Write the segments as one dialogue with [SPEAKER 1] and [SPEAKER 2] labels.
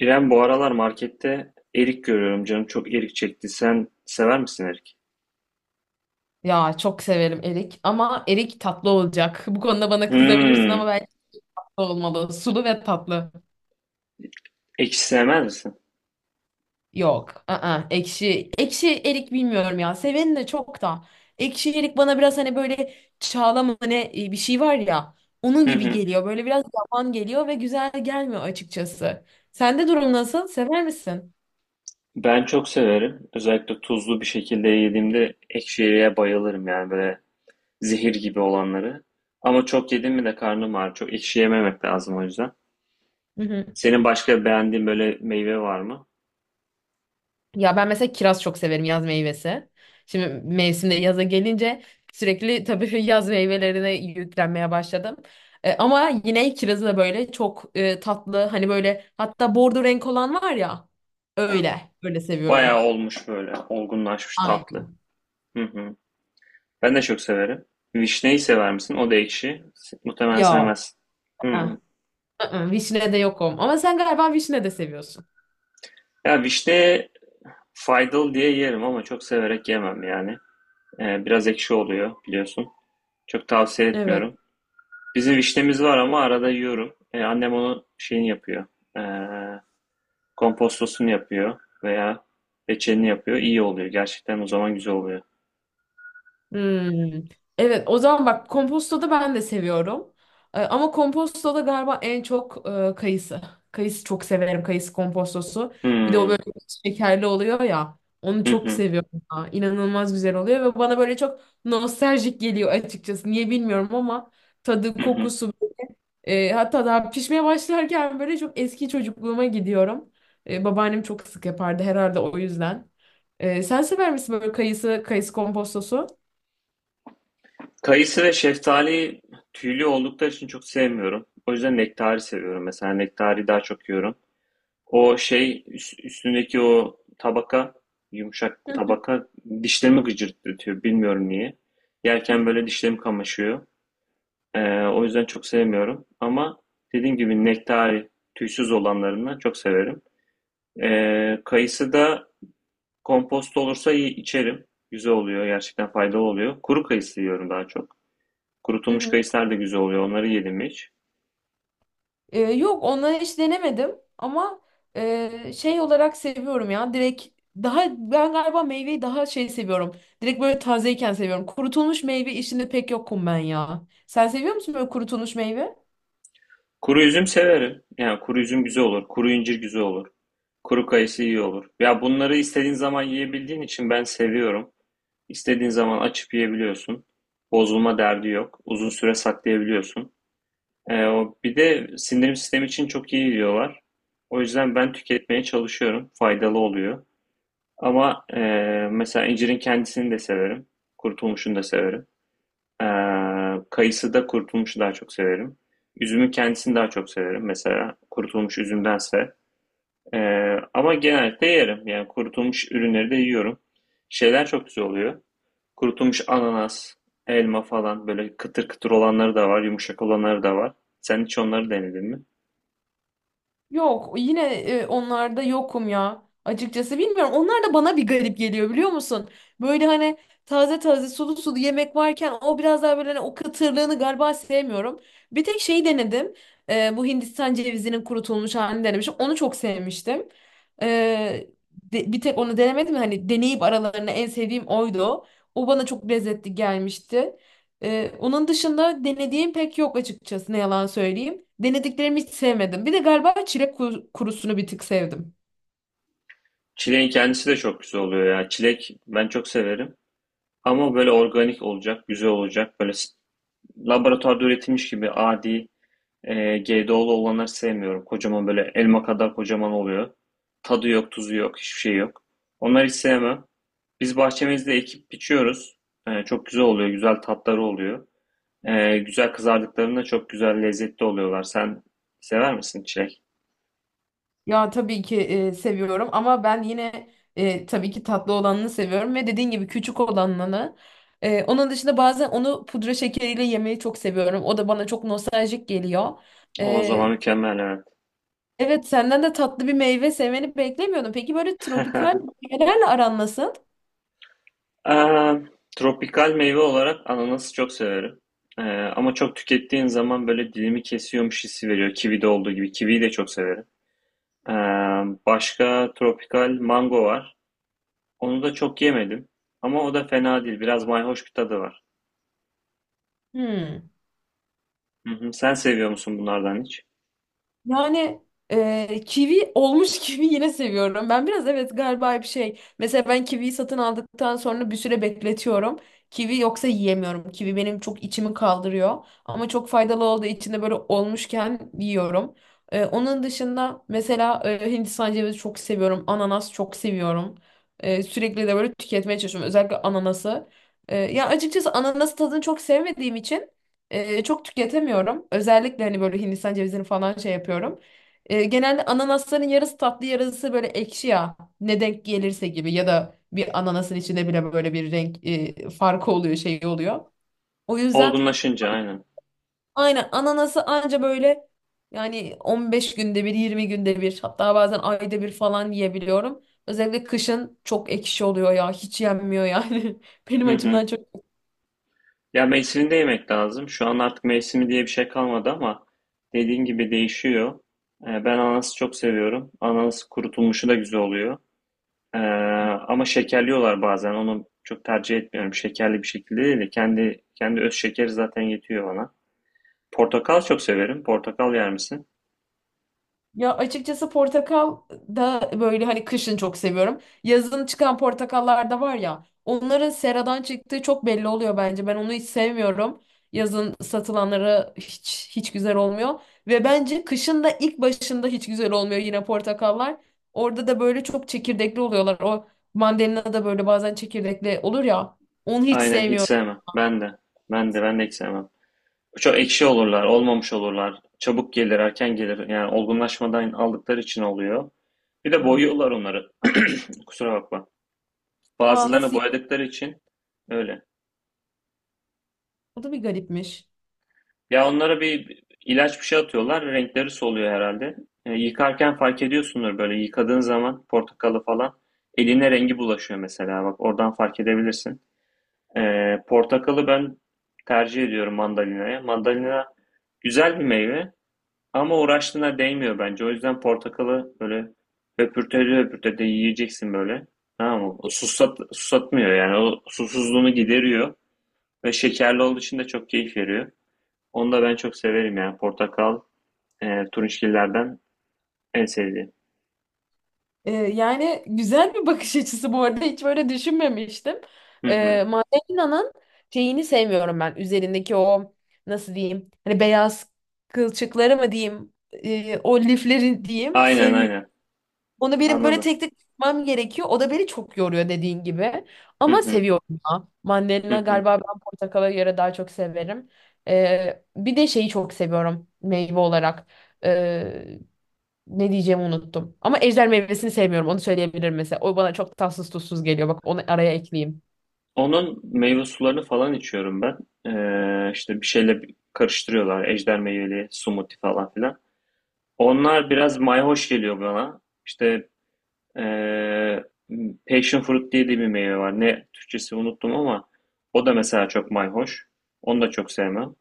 [SPEAKER 1] İrem bu aralar markette erik görüyorum. Canım çok erik çekti. Sen sever misin erik?
[SPEAKER 2] Ya çok severim erik ama erik tatlı olacak. Bu konuda bana kızabilirsin ama
[SPEAKER 1] Hmm,
[SPEAKER 2] bence tatlı olmalı. Sulu ve tatlı.
[SPEAKER 1] ekşi sevmez misin?
[SPEAKER 2] Yok. Ekşi. Ekşi erik bilmiyorum ya. Seveni de çok da. Ekşi erik bana biraz hani böyle çağla mı ne bir şey var ya. Onun
[SPEAKER 1] Hı
[SPEAKER 2] gibi
[SPEAKER 1] hı.
[SPEAKER 2] geliyor. Böyle biraz yavan geliyor ve güzel gelmiyor açıkçası. Sende durum nasıl? Sever misin?
[SPEAKER 1] Ben çok severim. Özellikle tuzlu bir şekilde yediğimde ekşi eriğe bayılırım yani böyle zehir gibi olanları. Ama çok yedim mi de karnım ağrır. Çok ekşi yememek lazım o yüzden. Senin başka beğendiğin böyle meyve var mı?
[SPEAKER 2] Ya ben mesela kiraz çok severim, yaz meyvesi. Şimdi mevsimde yaza gelince sürekli tabii yaz meyvelerine yüklenmeye başladım. Ama yine kirazı da böyle çok tatlı, hani böyle hatta bordo renk olan var ya, öyle öyle
[SPEAKER 1] Bayağı
[SPEAKER 2] seviyorum.
[SPEAKER 1] olmuş böyle olgunlaşmış
[SPEAKER 2] Aynen.
[SPEAKER 1] tatlı. Hı hı. Ben de çok severim. Vişneyi sever misin? O da ekşi. Muhtemelen
[SPEAKER 2] Ya.
[SPEAKER 1] sevmezsin.
[SPEAKER 2] ah,
[SPEAKER 1] Hı.
[SPEAKER 2] Vişne de yokum ama sen galiba vişne de seviyorsun.
[SPEAKER 1] Ya vişne faydalı diye yerim ama çok severek yemem yani. Biraz ekşi oluyor biliyorsun. Çok tavsiye
[SPEAKER 2] Evet.
[SPEAKER 1] etmiyorum. Bizim vişnemiz var ama arada yiyorum. Annem onu şeyini yapıyor. Ee, Kompostosunu yapıyor veya reçelini yapıyor. İyi oluyor. Gerçekten o zaman güzel oluyor.
[SPEAKER 2] Hmm. Evet, o zaman bak kompostoda ben de seviyorum. Ama kompostoda galiba en çok kayısı. Kayısı çok severim. Kayısı kompostosu. Bir de o
[SPEAKER 1] Hmm.
[SPEAKER 2] böyle şekerli oluyor ya. Onu
[SPEAKER 1] Hı
[SPEAKER 2] çok
[SPEAKER 1] hı.
[SPEAKER 2] seviyorum. Ya. İnanılmaz güzel oluyor ve bana böyle çok nostaljik geliyor açıkçası. Niye bilmiyorum ama tadı,
[SPEAKER 1] Hı hı.
[SPEAKER 2] kokusu hatta daha pişmeye başlarken böyle çok eski çocukluğuma gidiyorum. Babaannem çok sık yapardı herhalde, o yüzden. Sen sever misin böyle kayısı, kayısı kompostosu?
[SPEAKER 1] Kayısı ve şeftali tüylü oldukları için çok sevmiyorum. O yüzden nektari seviyorum. Mesela nektari daha çok yiyorum. O şey üstündeki o tabaka, yumuşak tabaka, dişlerimi gıcırdatıyor. Bilmiyorum niye. Yerken böyle dişlerim kamaşıyor. O yüzden çok sevmiyorum. Ama dediğim gibi nektari tüysüz olanlarından çok severim. Kayısı da kompost olursa iyi, içerim. Güzel oluyor. Gerçekten faydalı oluyor. Kuru kayısı yiyorum daha çok.
[SPEAKER 2] Hı
[SPEAKER 1] Kurutulmuş
[SPEAKER 2] hı.
[SPEAKER 1] kayısılar da güzel oluyor. Onları yedim hiç.
[SPEAKER 2] Yok, onları hiç denemedim ama şey olarak seviyorum ya, direkt. Daha ben galiba meyveyi daha şey seviyorum. Direkt böyle tazeyken seviyorum. Kurutulmuş meyve işinde pek yokum ben ya. Sen seviyor musun böyle kurutulmuş meyve?
[SPEAKER 1] Kuru üzüm severim. Yani kuru üzüm güzel olur. Kuru incir güzel olur. Kuru kayısı iyi olur. Ya bunları istediğin zaman yiyebildiğin için ben seviyorum. İstediğin zaman açıp yiyebiliyorsun. Bozulma derdi yok. Uzun süre saklayabiliyorsun. O bir de sindirim sistemi için çok iyi diyorlar. O yüzden ben tüketmeye çalışıyorum. Faydalı oluyor. Ama mesela incirin kendisini de severim. Kurutulmuşunu da severim. Ee, Kayısı da kurutulmuşu daha çok severim. Üzümün kendisini daha çok severim mesela kurutulmuş üzümdense. Ama genellikle yerim. Yani kurutulmuş ürünleri de yiyorum. Şeyler çok güzel oluyor. Kurutulmuş ananas, elma falan böyle kıtır kıtır olanları da var, yumuşak olanları da var. Sen hiç onları denedin mi?
[SPEAKER 2] Yok, yine onlarda yokum ya. Açıkçası bilmiyorum. Onlar da bana bir garip geliyor, biliyor musun? Böyle hani taze taze sulu sulu yemek varken, o biraz daha böyle hani o katırlığını galiba sevmiyorum. Bir tek şeyi denedim. Bu Hindistan cevizinin kurutulmuş halini denemişim. Onu çok sevmiştim. E, Bir tek onu denemedim. Hani deneyip aralarında en sevdiğim oydu. O bana çok lezzetli gelmişti. Onun dışında denediğim pek yok açıkçası, ne yalan söyleyeyim. Denediklerimi hiç sevmedim. Bir de galiba çilek kurusunu bir tık sevdim.
[SPEAKER 1] Çileğin kendisi de çok güzel oluyor ya. Çilek ben çok severim. Ama böyle organik olacak, güzel olacak. Böyle laboratuvarda üretilmiş gibi adi. GDO'lu olanları sevmiyorum. Kocaman böyle elma kadar kocaman oluyor. Tadı yok, tuzu yok, hiçbir şey yok. Onları hiç sevmem. Biz bahçemizde ekip biçiyoruz. Çok güzel oluyor, güzel tatları oluyor. Güzel kızardıklarında çok güzel lezzetli oluyorlar. Sen sever misin çilek?
[SPEAKER 2] Ya tabii ki seviyorum ama ben yine tabii ki tatlı olanını seviyorum ve dediğin gibi küçük olanını. Onun dışında bazen onu pudra şekeriyle yemeyi çok seviyorum. O da bana çok nostaljik geliyor.
[SPEAKER 1] O zaman
[SPEAKER 2] E,
[SPEAKER 1] mükemmel, evet.
[SPEAKER 2] Evet, senden de tatlı bir meyve sevmeni beklemiyordum. Peki böyle tropikal meyvelerle aran nasıl?
[SPEAKER 1] Aa, tropikal meyve olarak ananası çok severim. Ama çok tükettiğin zaman böyle dilimi kesiyormuş hissi veriyor. Kivi de olduğu gibi. Kiviyi de çok severim. Ee, Başka tropikal mango var. Onu da çok yemedim. Ama o da fena değil. Biraz mayhoş bir tadı var.
[SPEAKER 2] Hmm.
[SPEAKER 1] Hı hı. Sen seviyor musun bunlardan hiç?
[SPEAKER 2] Yani kivi olmuş kivi yine seviyorum. Ben biraz evet galiba bir şey. Mesela ben kiviyi satın aldıktan sonra bir süre bekletiyorum. Kivi yoksa yiyemiyorum. Kivi benim çok içimi kaldırıyor. Ama çok faydalı olduğu için de böyle olmuşken yiyorum. Onun dışında mesela Hindistan cevizi çok seviyorum. Ananas çok seviyorum. Sürekli de böyle tüketmeye çalışıyorum, özellikle ananası. Ya açıkçası ananas tadını çok sevmediğim için çok tüketemiyorum. Özellikle hani böyle Hindistan cevizini falan şey yapıyorum. Genelde ananasların yarısı tatlı, yarısı böyle ekşi ya. Ne denk gelirse gibi, ya da bir ananasın içinde bile böyle bir renk farkı oluyor, şey oluyor. O yüzden
[SPEAKER 1] Olgunlaşınca aynen.
[SPEAKER 2] aynen ananası anca böyle, yani 15 günde bir, 20 günde bir, hatta bazen ayda bir falan yiyebiliyorum. Özellikle kışın çok ekşi oluyor ya, hiç yenmiyor yani. Benim
[SPEAKER 1] Hı
[SPEAKER 2] açımdan
[SPEAKER 1] hı.
[SPEAKER 2] çok.
[SPEAKER 1] Ya mevsiminde yemek lazım. Şu an artık mevsimi diye bir şey kalmadı ama dediğin gibi değişiyor. Ben ananası çok seviyorum. Ananas kurutulmuşu da güzel oluyor. Ee, Ama şekerliyorlar bazen. Onu çok tercih etmiyorum. Şekerli bir şekilde değil de kendi öz şekeri zaten yetiyor bana. Portakal çok severim. Portakal yer misin?
[SPEAKER 2] Ya açıkçası portakal da böyle hani kışın çok seviyorum. Yazın çıkan portakallar da var ya, onların seradan çıktığı çok belli oluyor bence. Ben onu hiç sevmiyorum. Yazın satılanları hiç hiç güzel olmuyor ve bence kışın da ilk başında hiç güzel olmuyor yine portakallar. Orada da böyle çok çekirdekli oluyorlar. O mandalina da böyle bazen çekirdekli olur ya. Onu hiç
[SPEAKER 1] Aynen, hiç
[SPEAKER 2] sevmiyorum.
[SPEAKER 1] sevmem. Ben de. Ben de hiç sevmem. Çok ekşi olurlar, olmamış olurlar. Çabuk gelir, erken gelir. Yani olgunlaşmadan aldıkları için oluyor. Bir de
[SPEAKER 2] Evet.
[SPEAKER 1] boyuyorlar onları. Kusura bakma.
[SPEAKER 2] Aa,
[SPEAKER 1] Bazılarını
[SPEAKER 2] nasıl?
[SPEAKER 1] boyadıkları için öyle.
[SPEAKER 2] O da bir garipmiş.
[SPEAKER 1] Ya onlara bir ilaç bir şey atıyorlar. Renkleri soluyor herhalde. Yıkarken fark ediyorsundur böyle yıkadığın zaman portakalı falan. Eline rengi bulaşıyor mesela. Bak oradan fark edebilirsin. E, Portakalı ben tercih ediyorum mandalinaya. Mandalina güzel bir meyve. Ama uğraştığına değmiyor bence. O yüzden portakalı böyle höpürtede höpürtede yiyeceksin böyle. Tamam mı? Susat, susatmıyor yani. O susuzluğunu gideriyor. Ve şekerli olduğu için de çok keyif veriyor. Onu da ben çok severim yani. Portakal, turunçgillerden en sevdiğim.
[SPEAKER 2] Yani güzel bir bakış açısı bu arada. Hiç böyle düşünmemiştim.
[SPEAKER 1] Hı hı.
[SPEAKER 2] Mandalina'nın şeyini sevmiyorum ben. Üzerindeki o, nasıl diyeyim? Hani beyaz kılçıkları mı diyeyim? O lifleri diyeyim.
[SPEAKER 1] Aynen
[SPEAKER 2] Sevmiyorum.
[SPEAKER 1] aynen.
[SPEAKER 2] Onu benim böyle
[SPEAKER 1] Anladım.
[SPEAKER 2] tek tek tutmam gerekiyor. O da beni çok yoruyor, dediğin gibi.
[SPEAKER 1] Hı
[SPEAKER 2] Ama
[SPEAKER 1] hı.
[SPEAKER 2] seviyorum ya.
[SPEAKER 1] Hı
[SPEAKER 2] Mandalina
[SPEAKER 1] hı.
[SPEAKER 2] galiba ben portakala göre daha çok severim. Bir de şeyi çok seviyorum meyve olarak. Ee, Ne diyeceğimi unuttum. Ama ejder meyvesini sevmiyorum. Onu söyleyebilirim mesela. O bana çok tatsız tuzsuz geliyor. Bak, onu araya ekleyeyim.
[SPEAKER 1] Onun meyve sularını falan içiyorum ben. İşte bir şeyle karıştırıyorlar. Ejder meyveli smoothie falan filan. Onlar biraz mayhoş geliyor bana. İşte. Ee, Passion Fruit diye de bir meyve var. Ne Türkçesi unuttum ama o da mesela çok mayhoş. Onu da çok sevmem.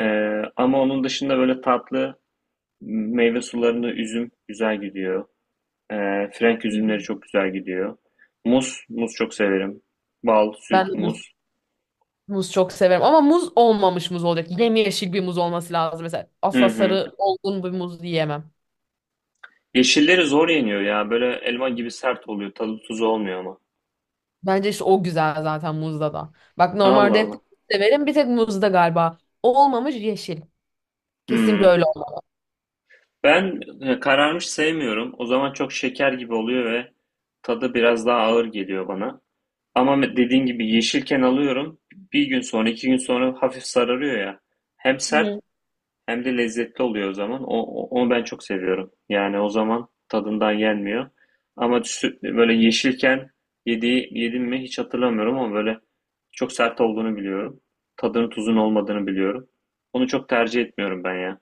[SPEAKER 1] Ama onun dışında böyle tatlı meyve sularında üzüm güzel gidiyor. Frenk üzümleri
[SPEAKER 2] Hmm.
[SPEAKER 1] çok güzel gidiyor. Muz çok severim. Bal,
[SPEAKER 2] Ben de
[SPEAKER 1] süt,
[SPEAKER 2] muz,
[SPEAKER 1] muz.
[SPEAKER 2] muz çok severim. Ama muz olmamış muz olacak. Yemyeşil bir muz olması lazım. Mesela
[SPEAKER 1] Hı
[SPEAKER 2] asla
[SPEAKER 1] hı.
[SPEAKER 2] sarı olgun bir muz yiyemem.
[SPEAKER 1] Yeşilleri zor yeniyor ya. Böyle elma gibi sert oluyor. Tadı tuzu olmuyor ama.
[SPEAKER 2] Bence işte o güzel zaten muzda da. Bak,
[SPEAKER 1] Allah
[SPEAKER 2] normalde hep
[SPEAKER 1] Allah.
[SPEAKER 2] severim. Bir tek muzda galiba. O olmamış yeşil. Kesinlikle
[SPEAKER 1] Hı.
[SPEAKER 2] öyle
[SPEAKER 1] Ben kararmış sevmiyorum. O zaman çok şeker gibi oluyor ve tadı biraz daha ağır geliyor bana. Ama dediğin gibi yeşilken alıyorum. Bir gün sonra, iki gün sonra hafif sararıyor ya. Hem sert
[SPEAKER 2] olmalı.
[SPEAKER 1] hem de lezzetli oluyor o zaman. Onu ben çok seviyorum. Yani o zaman tadından yenmiyor. Ama böyle yeşilken yedim mi hiç hatırlamıyorum ama böyle çok sert olduğunu biliyorum. Tadının tuzun olmadığını biliyorum. Onu çok tercih etmiyorum ben ya.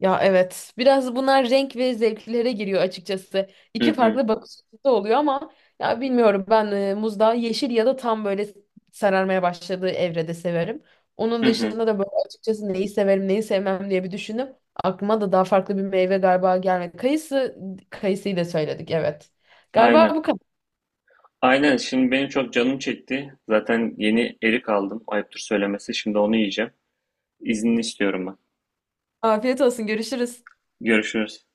[SPEAKER 2] Ya evet. Biraz bunlar renk ve zevklere giriyor açıkçası.
[SPEAKER 1] Hı
[SPEAKER 2] İki
[SPEAKER 1] hı,
[SPEAKER 2] farklı bakış açısı oluyor ama ya bilmiyorum, ben muzda yeşil ya da tam böyle sararmaya başladığı evrede severim. Onun
[SPEAKER 1] hı hı.
[SPEAKER 2] dışında da böyle açıkçası neyi severim, neyi sevmem diye bir düşündüm. Aklıma da daha farklı bir meyve galiba gelmedi. Kayısı, kayısıyı da söyledik, evet. Galiba
[SPEAKER 1] Aynen.
[SPEAKER 2] bu kadar.
[SPEAKER 1] Aynen şimdi benim çok canım çekti. Zaten yeni erik aldım. Ayıptır söylemesi. Şimdi onu yiyeceğim. İznini istiyorum ben.
[SPEAKER 2] Afiyet olsun, görüşürüz.
[SPEAKER 1] Görüşürüz.